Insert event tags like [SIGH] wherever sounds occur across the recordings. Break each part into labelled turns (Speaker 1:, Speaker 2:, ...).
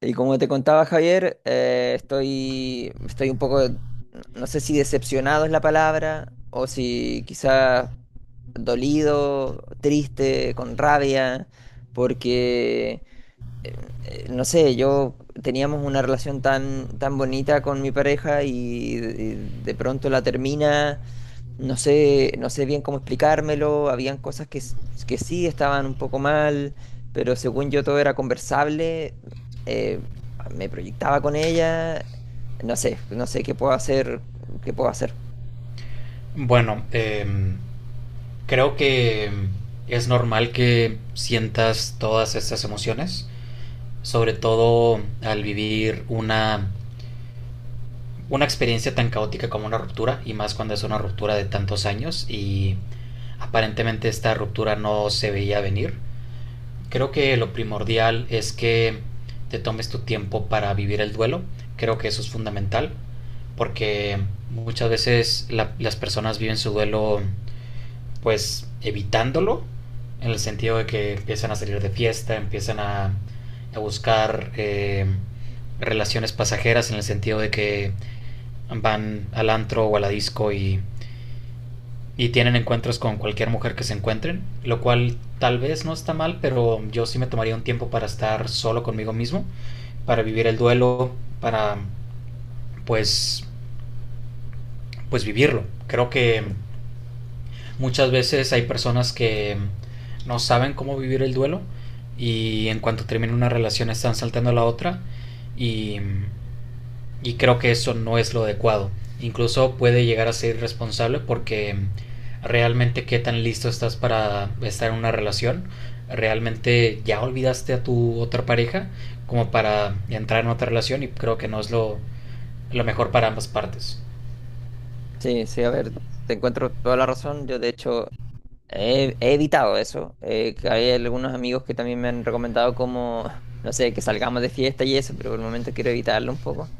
Speaker 1: Y como te contaba Javier, estoy un poco, no sé si decepcionado es la palabra, o si quizás dolido, triste, con rabia, porque, eh, no sé, yo teníamos una relación tan bonita con mi pareja y de pronto la termina. No sé, no sé bien cómo explicármelo, habían cosas que que sí estaban un poco mal, pero según yo todo era conversable, eh, me proyectaba con ella, no sé, no sé qué puedo hacer, qué puedo hacer.
Speaker 2: Bueno, creo que es normal que sientas todas estas emociones, sobre todo al vivir una experiencia tan caótica como una ruptura, y más cuando es una ruptura de tantos años y aparentemente esta ruptura no se veía venir. Creo que lo primordial es que te tomes tu tiempo para vivir el duelo, creo que eso es fundamental, porque muchas veces las personas viven su duelo pues evitándolo, en el sentido de que empiezan a salir de fiesta, a buscar relaciones pasajeras, en el sentido de que van al antro o a la disco y tienen encuentros con cualquier mujer que se encuentren, lo cual tal vez no está mal, pero yo sí me tomaría un tiempo para estar solo conmigo mismo, para vivir el duelo, para pues, pues vivirlo. Creo que muchas veces hay personas que no saben cómo vivir el duelo y en cuanto termina una relación están saltando a la otra y, y creo que eso no es lo adecuado. Incluso puede llegar a ser irresponsable porque realmente qué tan listo estás para estar en una relación. Realmente ya olvidaste a tu otra pareja como para entrar en otra relación y creo que no es lo mejor para ambas partes.
Speaker 1: Sí, sí, a ver, te encuentro toda la razón, yo de hecho he evitado eso, que hay algunos amigos que también me han recomendado como, [LAUGHS] no sé, que salgamos de fiesta y eso, pero por el momento quiero evitarlo un poco.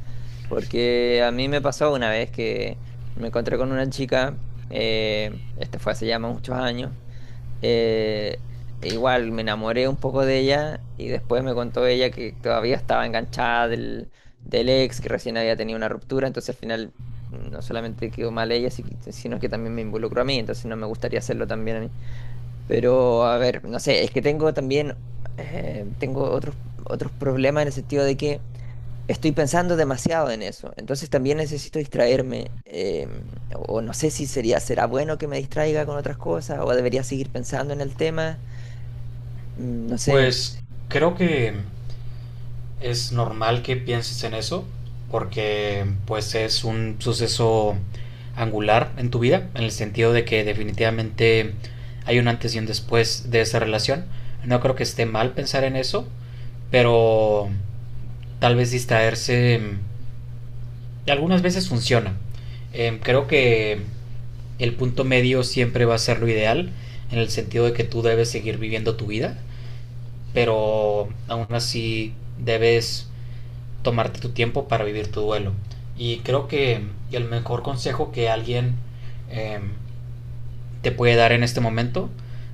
Speaker 1: Porque a mí me pasó una vez que me encontré con una chica, este fue hace ya muchos años, eh, e igual me enamoré un poco de ella y después me contó ella que todavía estaba enganchada del ex, que recién había tenido una ruptura. Entonces al final no solamente quedó mal ella, sino que también me involucró a mí, entonces no me gustaría hacerlo también a mí. Pero, a ver, no sé, es que tengo también, tengo otros problemas en el sentido de que estoy pensando demasiado en eso. Entonces también necesito distraerme. O no sé si será bueno que me distraiga con otras cosas o debería seguir pensando en el tema. No sé,
Speaker 2: Pues creo que es normal que pienses en eso, porque pues es un suceso angular en tu vida, en el sentido de que definitivamente hay un antes y un después de esa relación. No creo que esté mal pensar en eso, pero tal vez distraerse algunas veces funciona. Creo que el punto medio siempre va a ser lo ideal, en el sentido de que tú debes seguir viviendo tu vida, pero aún así debes tomarte tu tiempo para vivir tu duelo. Y creo que el mejor consejo que alguien eh, te puede dar en este momento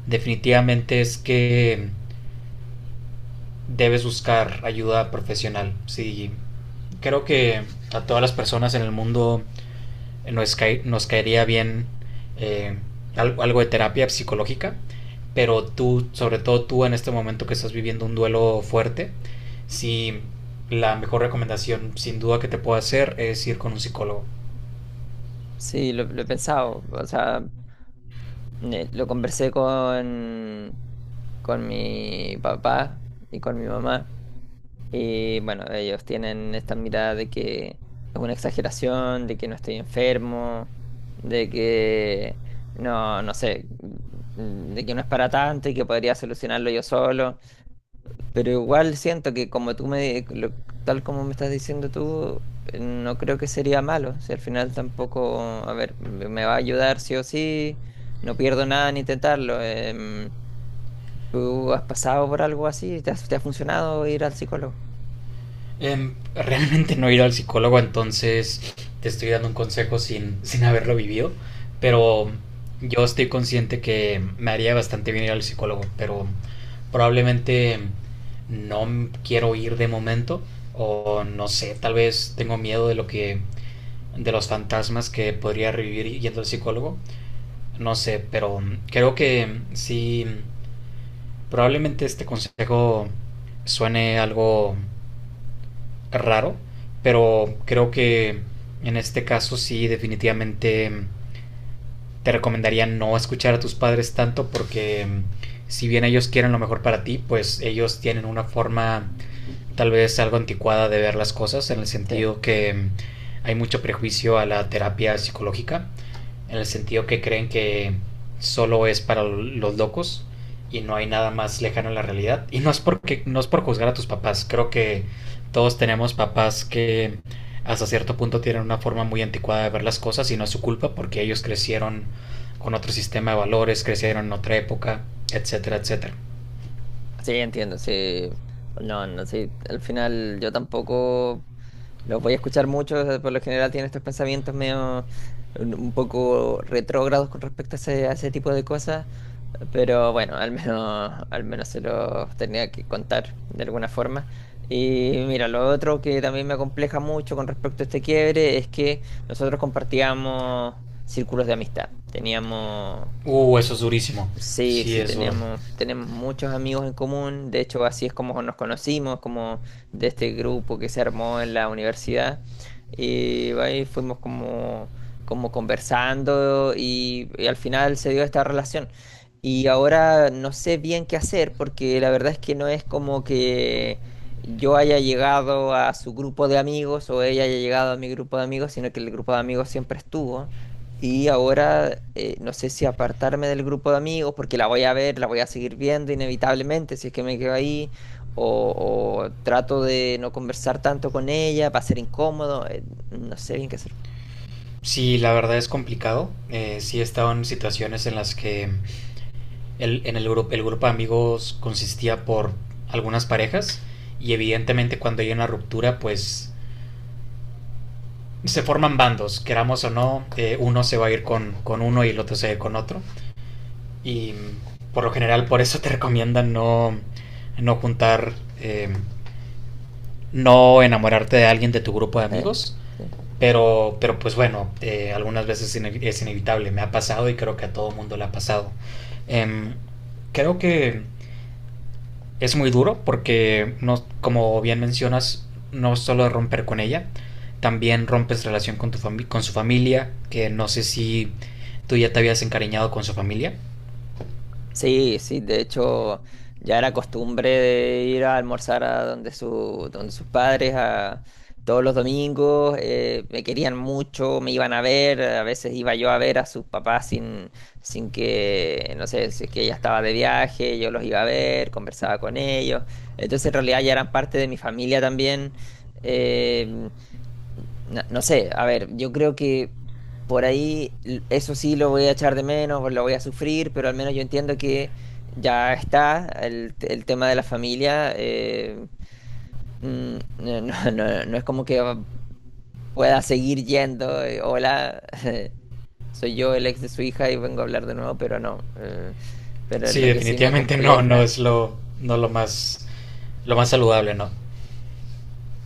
Speaker 2: definitivamente es que debes buscar ayuda profesional. Sí, creo que a todas las personas en el mundo nos caería bien eh, algo de terapia psicológica, pero tú, sobre todo tú en este momento que estás viviendo un duelo fuerte, si la mejor recomendación sin duda que te puedo hacer es ir con un psicólogo.
Speaker 1: sí, lo he pensado. O sea, lo conversé con mi papá y con mi mamá. Y bueno, ellos tienen esta mirada de que es una exageración, de que no estoy enfermo, de que no, no sé, de que no es para tanto y que podría solucionarlo yo solo. Pero igual siento que como tú tal como me estás diciendo tú, no creo que sería malo. Si al final tampoco, a ver, me va a ayudar sí o sí, no pierdo nada en intentarlo. ¿Tú has pasado por algo así? Te ha funcionado ir al psicólogo?
Speaker 2: Realmente no he ido al psicólogo, entonces te estoy dando un consejo sin haberlo vivido, pero yo estoy consciente que me haría bastante bien ir al psicólogo, pero probablemente no m- quiero ir de momento o no sé, tal vez tengo miedo de los fantasmas que podría revivir yendo al psicólogo, no sé, pero creo que sí probablemente este consejo suene algo raro, pero creo que en este caso sí definitivamente te recomendaría no escuchar a tus padres tanto porque si bien ellos quieren lo mejor para ti, pues ellos tienen una forma tal vez algo anticuada de ver las cosas en el
Speaker 1: Sí.
Speaker 2: sentido que hay mucho prejuicio a la terapia psicológica en el sentido que creen que solo es para los locos y no hay nada más lejano a la realidad. Y no es por juzgar a tus papás, creo que todos tenemos papás que hasta cierto punto tienen una forma muy anticuada de ver las cosas y no es su culpa porque ellos crecieron con otro sistema de valores, crecieron en otra época, etcétera, etcétera.
Speaker 1: Sí, entiendo, sí. No, no, sí. Al final yo tampoco los voy a escuchar mucho. O sea, por lo general tienen estos pensamientos medio un poco retrógrados con respecto a ese tipo de cosas. Pero bueno, al menos se los tenía que contar de alguna forma. Y mira, lo otro que también me compleja mucho con respecto a este quiebre es que nosotros compartíamos círculos de amistad. Teníamos…
Speaker 2: Eso es durísimo.
Speaker 1: Sí,
Speaker 2: Sí,
Speaker 1: sí,
Speaker 2: es duro.
Speaker 1: tenemos muchos amigos en común. De hecho, así es como nos conocimos, como de este grupo que se armó en la universidad. Y ahí fuimos como, como conversando y al final se dio esta relación. Y ahora no sé bien qué hacer porque la verdad es que no es como que yo haya llegado a su grupo de amigos o ella haya llegado a mi grupo de amigos, sino que el grupo de amigos siempre estuvo. Y ahora no sé si apartarme del grupo de amigos porque la voy a ver, la voy a seguir viendo inevitablemente si es que me quedo ahí, o, o trato de no conversar tanto con ella, va a ser incómodo, no sé bien qué hacer.
Speaker 2: Sí, la verdad es complicado. Sí he estado en situaciones en las que el grupo de amigos consistía por algunas parejas y evidentemente cuando hay una ruptura pues se forman bandos, queramos o no, uno se va a ir con uno y el otro se va a ir con otro. Y por lo general por eso te [LAUGHS] recomiendan no juntar, eh, no enamorarte de alguien de tu grupo de
Speaker 1: Eh,
Speaker 2: amigos.
Speaker 1: sí.
Speaker 2: Pero pues bueno, algunas veces es inevitable, me ha pasado y creo que a todo mundo le ha pasado. Eh, Creo que es muy duro porque, no, como bien mencionas, no solo romper con ella, también rompes relación con su familia, que no sé si tú ya te habías encariñado con su familia.
Speaker 1: Sí, sí, de hecho ya era costumbre de ir a almorzar a donde donde sus padres a todos los domingos, me querían mucho, me iban a ver, a veces iba yo a ver a sus papás sin que, no sé, si es que ella estaba de viaje, yo los iba a ver, conversaba con ellos, entonces en realidad ya eran parte de mi familia también, eh, no, no sé, a ver, yo creo que por ahí eso sí lo voy a echar de menos, lo voy a sufrir, pero al menos yo entiendo que ya está el tema de la familia. No, [LAUGHS] no es como que pueda seguir yendo. Eh, hola, [LAUGHS] soy yo el ex de su hija y vengo a hablar de nuevo, pero no. Pero
Speaker 2: Sí,
Speaker 1: lo que sí me
Speaker 2: definitivamente no
Speaker 1: acompleja…
Speaker 2: es no lo más, lo más saludable, ¿no?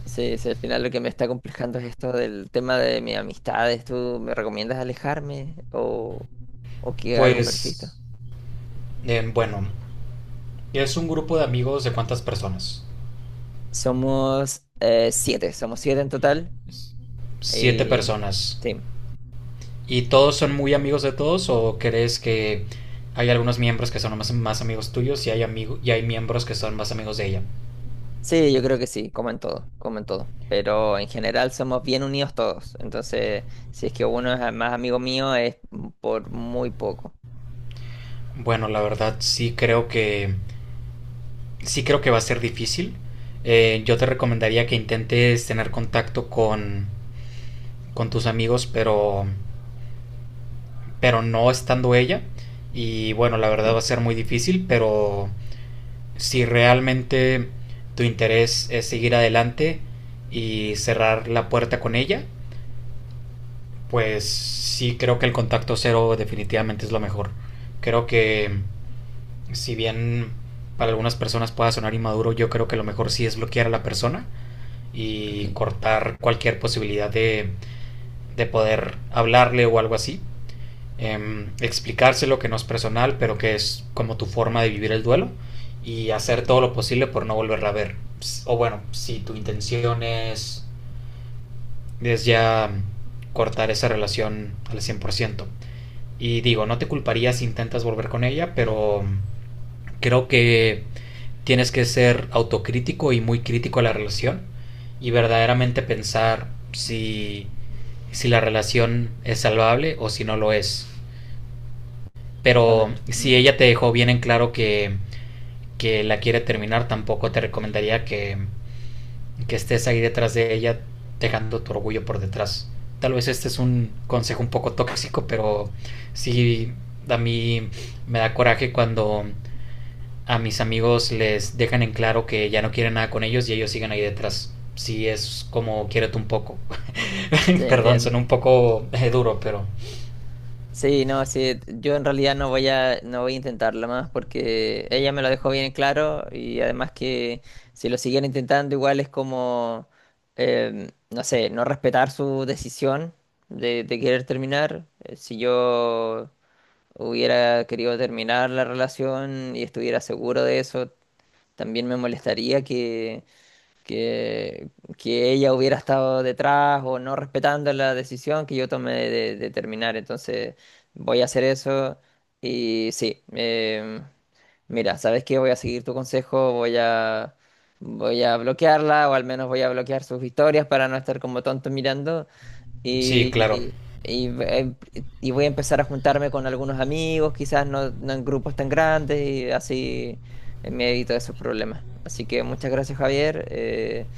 Speaker 1: Sí, sí, al final lo que me está complejando es esto del tema de mis amistades. ¿Tú me recomiendas alejarme o qué hago?
Speaker 2: Pues,
Speaker 1: ¿Persisto?
Speaker 2: bueno, ¿es un grupo de amigos de cuántas personas?
Speaker 1: Somos siete, somos siete en total.
Speaker 2: Siete
Speaker 1: Y
Speaker 2: personas.
Speaker 1: sí,
Speaker 2: ¿Y todos son muy amigos de todos o crees que hay algunos miembros que son más amigos tuyos y y hay miembros que son más amigos de ella?
Speaker 1: sí, yo creo que sí, como en todo, como en todo. Pero en general somos bien unidos todos. Entonces, si es que uno es más amigo mío, es por muy poco.
Speaker 2: Bueno, la verdad sí creo que va a ser difícil. Yo te recomendaría que intentes tener contacto con tus amigos, pero no estando ella. Y bueno, la
Speaker 1: Ok,
Speaker 2: verdad va a ser muy difícil, pero si realmente tu interés es seguir adelante y cerrar la puerta con ella, pues sí creo que el contacto cero definitivamente es lo mejor. Creo que si bien para algunas personas pueda sonar inmaduro, yo creo que lo mejor sí es bloquear a la persona y
Speaker 1: ok.
Speaker 2: cortar cualquier posibilidad de poder hablarle o algo así. Explicárselo que no es personal, pero que es como tu forma de vivir el duelo y hacer todo lo posible por no volverla a ver. O bueno, si tu intención es ya cortar esa relación al 100%. Y digo, no te culparía si intentas volver con ella, pero creo que tienes que ser autocrítico y muy crítico a la relación y verdaderamente pensar si la relación es salvable o si no lo es.
Speaker 1: A
Speaker 2: Pero
Speaker 1: ver,
Speaker 2: si
Speaker 1: mm,
Speaker 2: ella te dejó bien en claro que la quiere terminar, tampoco te recomendaría que estés ahí detrás de ella dejando tu orgullo por detrás. Tal vez este es un consejo un poco tóxico, pero sí a mí me da coraje cuando a mis amigos les dejan en claro que ya no quieren nada con ellos y ellos siguen ahí detrás. Sí es como quiérete un poco.
Speaker 1: sí,
Speaker 2: [LAUGHS] Perdón, son
Speaker 1: entiendo.
Speaker 2: un poco duro, pero
Speaker 1: Sí, no, sí, yo en realidad no voy a intentarlo más porque ella me lo dejó bien claro y además que si lo siguiera intentando igual es como, no sé, no respetar su decisión de querer terminar. Si yo hubiera querido terminar la relación y estuviera seguro de eso, también me molestaría que, que ella hubiera estado detrás o no respetando la decisión que yo tomé de terminar. Entonces voy a hacer eso y sí, mira, ¿sabes qué? Voy a seguir tu consejo, voy a, voy a bloquearla o al menos voy a bloquear sus historias para no estar como tonto mirando.
Speaker 2: sí, claro.
Speaker 1: Y, y, y voy a empezar a juntarme con algunos amigos, quizás no, no en grupos tan grandes, y así me evito esos problemas. Así que muchas gracias, Javier.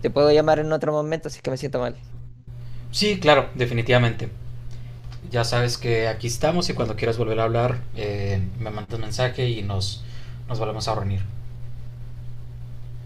Speaker 1: Te puedo llamar en otro momento si es que me siento mal.
Speaker 2: Sí, claro, definitivamente. Ya sabes que aquí estamos y cuando quieras volver a hablar me mandas mensaje y nos volvemos a reunir.